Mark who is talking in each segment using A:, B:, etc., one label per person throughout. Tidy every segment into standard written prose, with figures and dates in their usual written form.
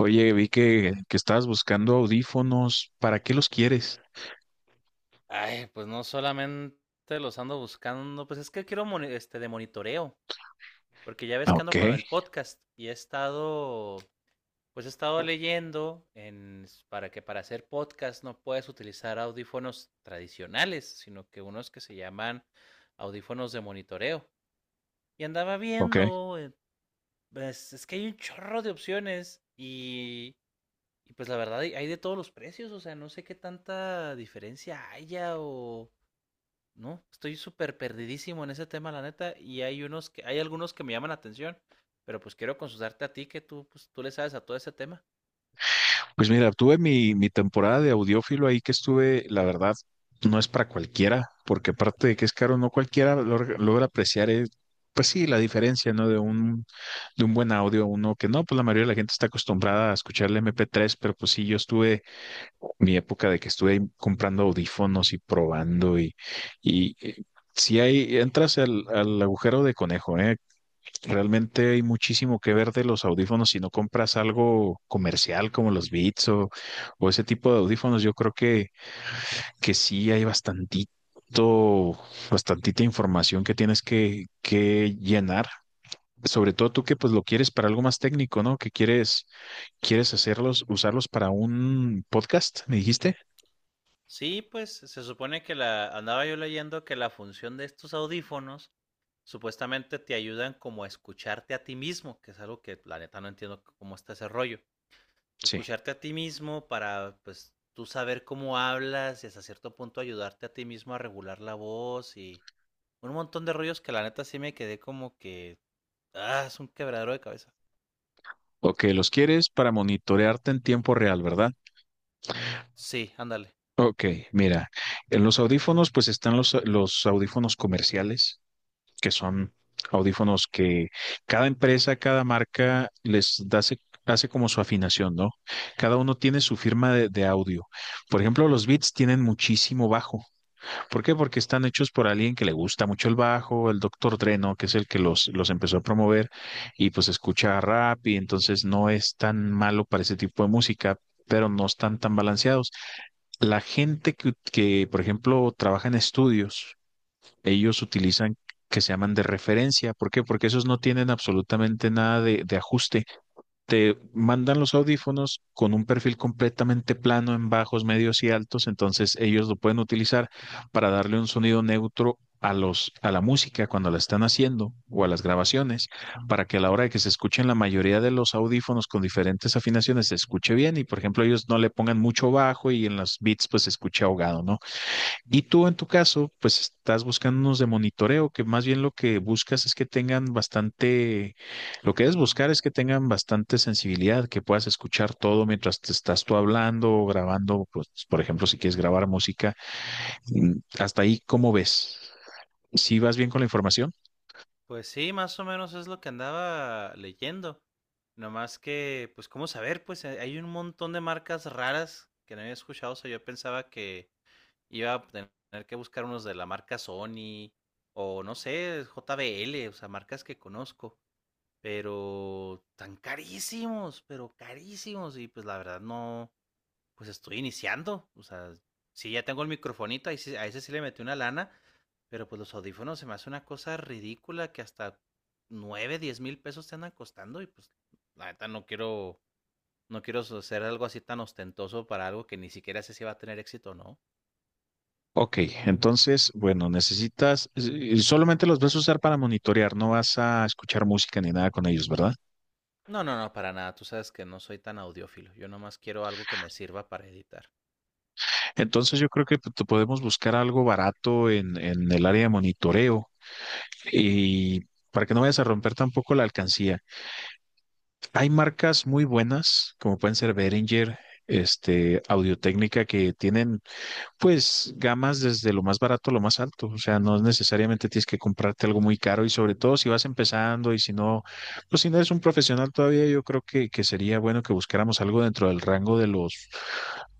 A: Oye, vi que estabas buscando audífonos. ¿Para qué los quieres?
B: Ay, pues no solamente los ando buscando, pues es que quiero de monitoreo, porque ya ves
A: Ah,
B: que ando con
A: Ok,
B: el podcast y he estado leyendo en s- para que para hacer podcast no puedes utilizar audífonos tradicionales, sino que unos que se llaman audífonos de monitoreo. Y andaba
A: ok.
B: viendo, pues, es que hay un chorro de opciones y pues la verdad hay de todos los precios. O sea, no sé qué tanta diferencia haya o no, estoy súper perdidísimo en ese tema, la neta, y hay unos que, hay algunos que me llaman la atención, pero pues quiero consultarte a ti que tú, pues, tú le sabes a todo ese tema.
A: Pues mira, tuve mi temporada de audiófilo ahí que estuve, la verdad, no es para cualquiera, porque aparte de que es caro, no cualquiera logra apreciar, pues sí, la diferencia, ¿no? De un buen audio a uno que no, pues la mayoría de la gente está acostumbrada a escuchar el MP3, pero pues sí, yo estuve mi época de que estuve comprando audífonos y probando y si hay, entras al agujero de conejo, ¿eh? Realmente hay muchísimo que ver de los audífonos. Si no compras algo comercial como los Beats o ese tipo de audífonos, yo creo que sí hay bastantito, bastantita información que tienes que llenar. Sobre todo tú que pues lo quieres para algo más técnico, ¿no? Que quieres hacerlos, usarlos para un podcast, ¿me dijiste?
B: Sí, pues se supone que la, andaba yo leyendo que la función de estos audífonos supuestamente te ayudan como a escucharte a ti mismo, que es algo que la neta no entiendo cómo está ese rollo.
A: Sí.
B: Escucharte a ti mismo para pues tú saber cómo hablas y hasta cierto punto ayudarte a ti mismo a regular la voz y un montón de rollos que la neta sí me quedé como que. Ah, es un quebradero de cabeza.
A: Ok, los quieres para monitorearte en tiempo real, ¿verdad?
B: Sí, ándale.
A: Ok, mira, en los audífonos pues están los audífonos comerciales que son audífonos que cada empresa, cada marca les da, hace como su afinación, ¿no? Cada uno tiene su firma de audio. Por ejemplo, los Beats tienen muchísimo bajo. ¿Por qué? Porque están hechos por alguien que le gusta mucho el bajo, el Dr. Dreno, que es el que los empezó a promover, y pues escucha rap y entonces no es tan malo para ese tipo de música, pero no están tan balanceados. La gente que, por ejemplo, trabaja en estudios, ellos utilizan que se llaman de referencia. ¿Por qué? Porque esos no tienen absolutamente nada de ajuste. Te mandan los audífonos con un perfil completamente plano en bajos, medios y altos, entonces ellos lo pueden utilizar para darle un sonido neutro a a la música cuando la están haciendo o a las grabaciones, para que a la hora de que se escuchen la mayoría de los audífonos con diferentes afinaciones se escuche bien y, por ejemplo, ellos no le pongan mucho bajo y en los beats pues se escuche ahogado, ¿no? Y tú en tu caso, pues estás buscando unos de monitoreo, que más bien lo que buscas es que tengan bastante, lo que debes buscar es que tengan bastante sensibilidad, que puedas escuchar todo mientras te estás tú hablando o grabando, pues, por ejemplo, si quieres grabar música. Hasta ahí, ¿cómo ves? ¿Sí vas bien con la información?
B: Pues sí, más o menos es lo que andaba leyendo. Nomás que, pues, ¿cómo saber? Pues hay un montón de marcas raras que no había escuchado. O sea, yo pensaba que iba a tener que buscar unos de la marca Sony o no sé, JBL, o sea, marcas que conozco. Pero tan carísimos, pero carísimos. Y pues la verdad no, pues estoy iniciando. O sea, sí, ya tengo el microfonito, a ese sí le metí una lana, pero pues los audífonos se me hace una cosa ridícula que hasta 9, 10,000 pesos te andan costando y pues la neta no quiero, no quiero hacer algo así tan ostentoso para algo que ni siquiera sé si va a tener éxito o no.
A: Ok, entonces, bueno, necesitas, solamente los vas a usar para monitorear, no vas a escuchar música ni nada con ellos, ¿verdad?
B: No, no, no, para nada. Tú sabes que no soy tan audiófilo. Yo nomás quiero algo que me sirva para editar.
A: Entonces yo creo que te podemos buscar algo barato en el área de monitoreo y para que no vayas a romper tampoco la alcancía. Hay marcas muy buenas, como pueden ser Behringer, este, Audio-Técnica, que tienen pues gamas desde lo más barato a lo más alto. O sea, no necesariamente tienes que comprarte algo muy caro y sobre todo si vas empezando y si no, pues si no eres un profesional todavía, yo creo que sería bueno que buscáramos algo dentro del rango de los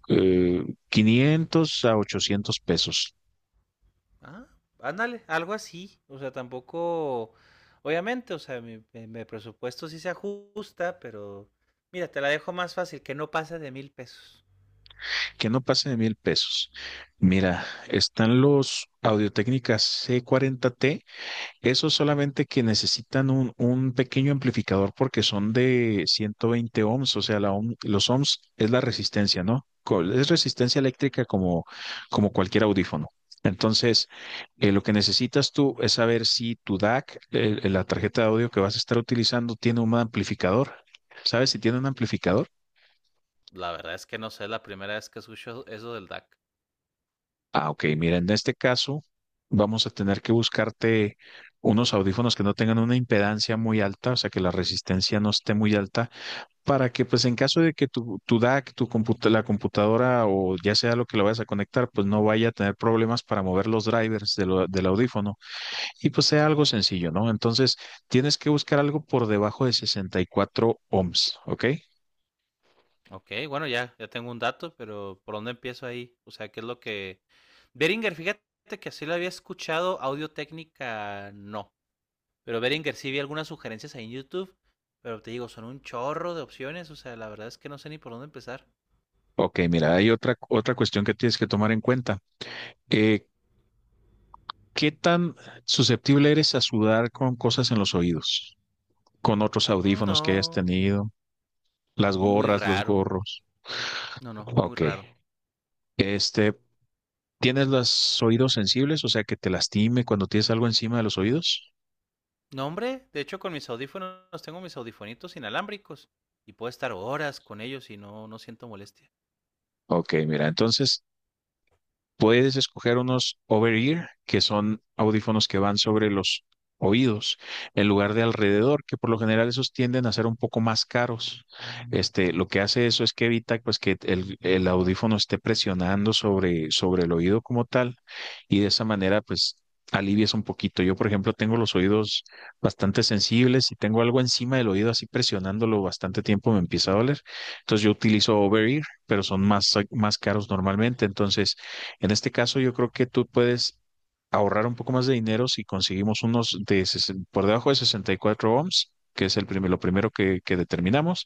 A: eh, 500 a 800 pesos.
B: Ah, ándale, algo así. O sea, tampoco, obviamente, o sea, mi presupuesto sí se ajusta, pero mira, te la dejo más fácil, que no pasa de 1,000 pesos.
A: Que no pase de 1000 pesos. Mira, están los Audio-Técnicas C40T, esos solamente que necesitan un pequeño amplificador porque son de 120 ohms, o sea, la los ohms es la resistencia, ¿no? Co- Es resistencia eléctrica como, como cualquier audífono. Entonces, lo que necesitas tú es saber si tu DAC, la tarjeta de audio que vas a estar utilizando, tiene un amplificador. ¿Sabes si tiene un amplificador?
B: La verdad es que no sé, la primera vez que escucho eso del DAC.
A: Ah, ok. Mira, en este caso vamos a tener que buscarte unos audífonos que no tengan una impedancia muy alta, o sea, que la resistencia no esté muy alta, para que pues en caso de que tu DAC, tu la computadora o ya sea lo que lo vayas a conectar, pues no vaya a tener problemas para mover los drivers del audífono y pues sea algo sencillo, ¿no? Entonces tienes que buscar algo por debajo de 64 ohms, ¿ok?
B: Ok, bueno, ya, ya tengo un dato, pero ¿por dónde empiezo ahí? O sea, ¿qué es lo que... Beringer, fíjate que así lo había escuchado, Audio Técnica no. Pero Beringer sí vi algunas sugerencias ahí en YouTube, pero te digo, son un chorro de opciones, o sea, la verdad es que no sé ni por dónde empezar.
A: Ok, mira, hay otra cuestión que tienes que tomar en cuenta. Eh, ¿Qué tan susceptible eres a sudar con cosas en los oídos? Con otros
B: Mm,
A: audífonos que hayas
B: no.
A: tenido, las
B: Muy
A: gorras, los
B: raro.
A: gorros.
B: No, no, muy
A: Ok.
B: raro.
A: Este, ¿tienes los oídos sensibles? O sea, que te lastime cuando tienes algo encima de los oídos.
B: No, hombre, de hecho con mis audífonos tengo mis audifonitos inalámbricos y puedo estar horas con ellos y no, no siento molestia.
A: Ok, mira, entonces puedes escoger unos over-ear, que son audífonos que van sobre los oídos, en lugar de alrededor, que por lo general esos tienden a ser un poco más caros. Este, lo que hace eso es que evita pues que el audífono esté presionando sobre, sobre el oído como tal, y de esa manera pues alivias un poquito. Yo, por ejemplo, tengo los oídos bastante sensibles y tengo algo encima del oído así presionándolo bastante tiempo me empieza a doler. Entonces yo utilizo over-ear, pero son más caros normalmente. Entonces, en este caso, yo creo que tú puedes ahorrar un poco más de dinero si conseguimos unos de por debajo de 64 ohms, que es el lo primero que determinamos.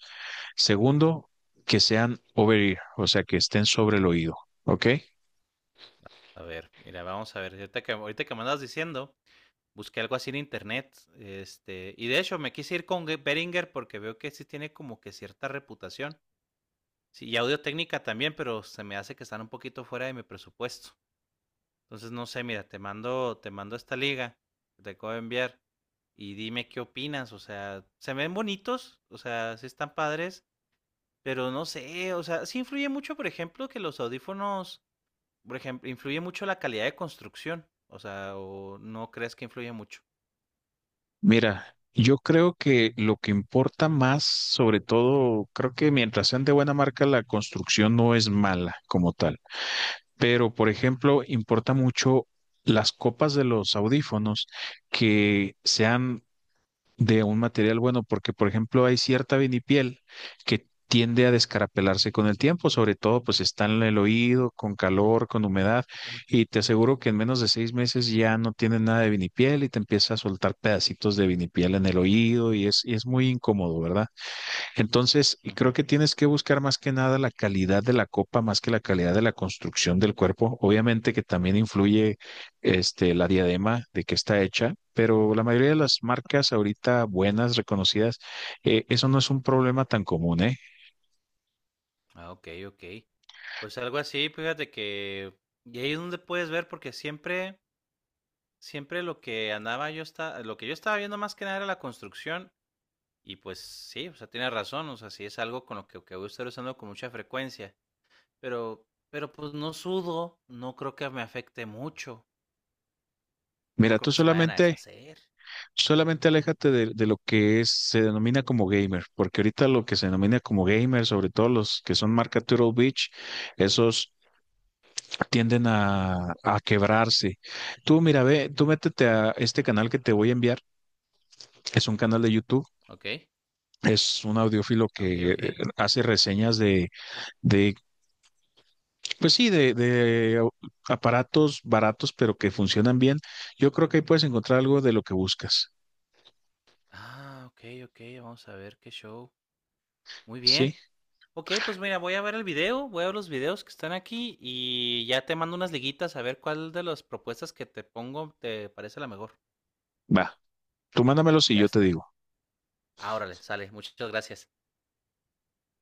A: Segundo, que sean over ear, o sea, que estén sobre el oído. ¿Ok?
B: A ver, mira, vamos a ver, ahorita que me andas diciendo, busqué algo así en internet, y de hecho me quise ir con Beringer porque veo que sí tiene como que cierta reputación. Sí, y audio técnica también, pero se me hace que están un poquito fuera de mi presupuesto. Entonces, no sé, mira, te mando esta liga que te acabo de enviar y dime qué opinas. O sea, se ven bonitos, o sea, sí están padres, pero no sé, o sea, sí influye mucho, por ejemplo, que los audífonos, por ejemplo, influye mucho la calidad de construcción. O sea, ¿o no crees que influye mucho?
A: Mira, yo creo que lo que importa más, sobre todo, creo que mientras sean de buena marca, la construcción no es mala como tal. Pero, por ejemplo, importa mucho las copas de los audífonos que sean de un material bueno, porque por ejemplo hay cierta vinipiel que tiende a descarapelarse con el tiempo, sobre todo pues está en el oído, con calor, con humedad, y te aseguro que en menos de 6 meses ya no tienes nada de vinipiel y te empieza a soltar pedacitos de vinipiel en el oído y es muy incómodo, ¿verdad? Entonces, y creo
B: Ujú.
A: que tienes que buscar más que nada la calidad de la copa, más que la calidad de la construcción del cuerpo. Obviamente que también influye este, la diadema de que está hecha, pero la mayoría de las marcas ahorita buenas, reconocidas, eso no es un problema tan común, ¿eh?
B: Ah, ok, ok. Pues algo así, fíjate que. Y ahí es donde puedes ver, porque siempre, siempre lo que andaba yo está, lo que yo estaba viendo más que nada era la construcción. Y pues sí, o sea, tiene razón, o sea, sí es algo con lo que voy a estar usando con mucha frecuencia, pero, pues no sudo, no creo que me afecte mucho, no
A: Mira,
B: creo
A: tú
B: que se me vayan a
A: solamente,
B: deshacer.
A: solamente aléjate de lo que es, se denomina como gamer, porque ahorita lo que se denomina como gamer, sobre todo los que son marca Turtle Beach, esos tienden a quebrarse. Tú, mira, ve, tú métete a este canal que te voy a enviar. Es un canal de YouTube.
B: Ok,
A: Es un audiófilo
B: ok,
A: que
B: ok.
A: hace reseñas de pues sí, aparatos baratos, pero que funcionan bien. Yo creo que ahí puedes encontrar algo de lo que buscas.
B: Ah, ok, ok, vamos a ver qué show. Muy
A: ¿Sí?
B: bien. Ok, pues mira, voy a ver el video, voy a ver los videos que están aquí y ya te mando unas liguitas a ver cuál de las propuestas que te pongo te parece la mejor.
A: Va. Tú mándamelo y
B: Ya
A: yo te
B: está.
A: digo.
B: Ah, órale, sale. Muchas gracias.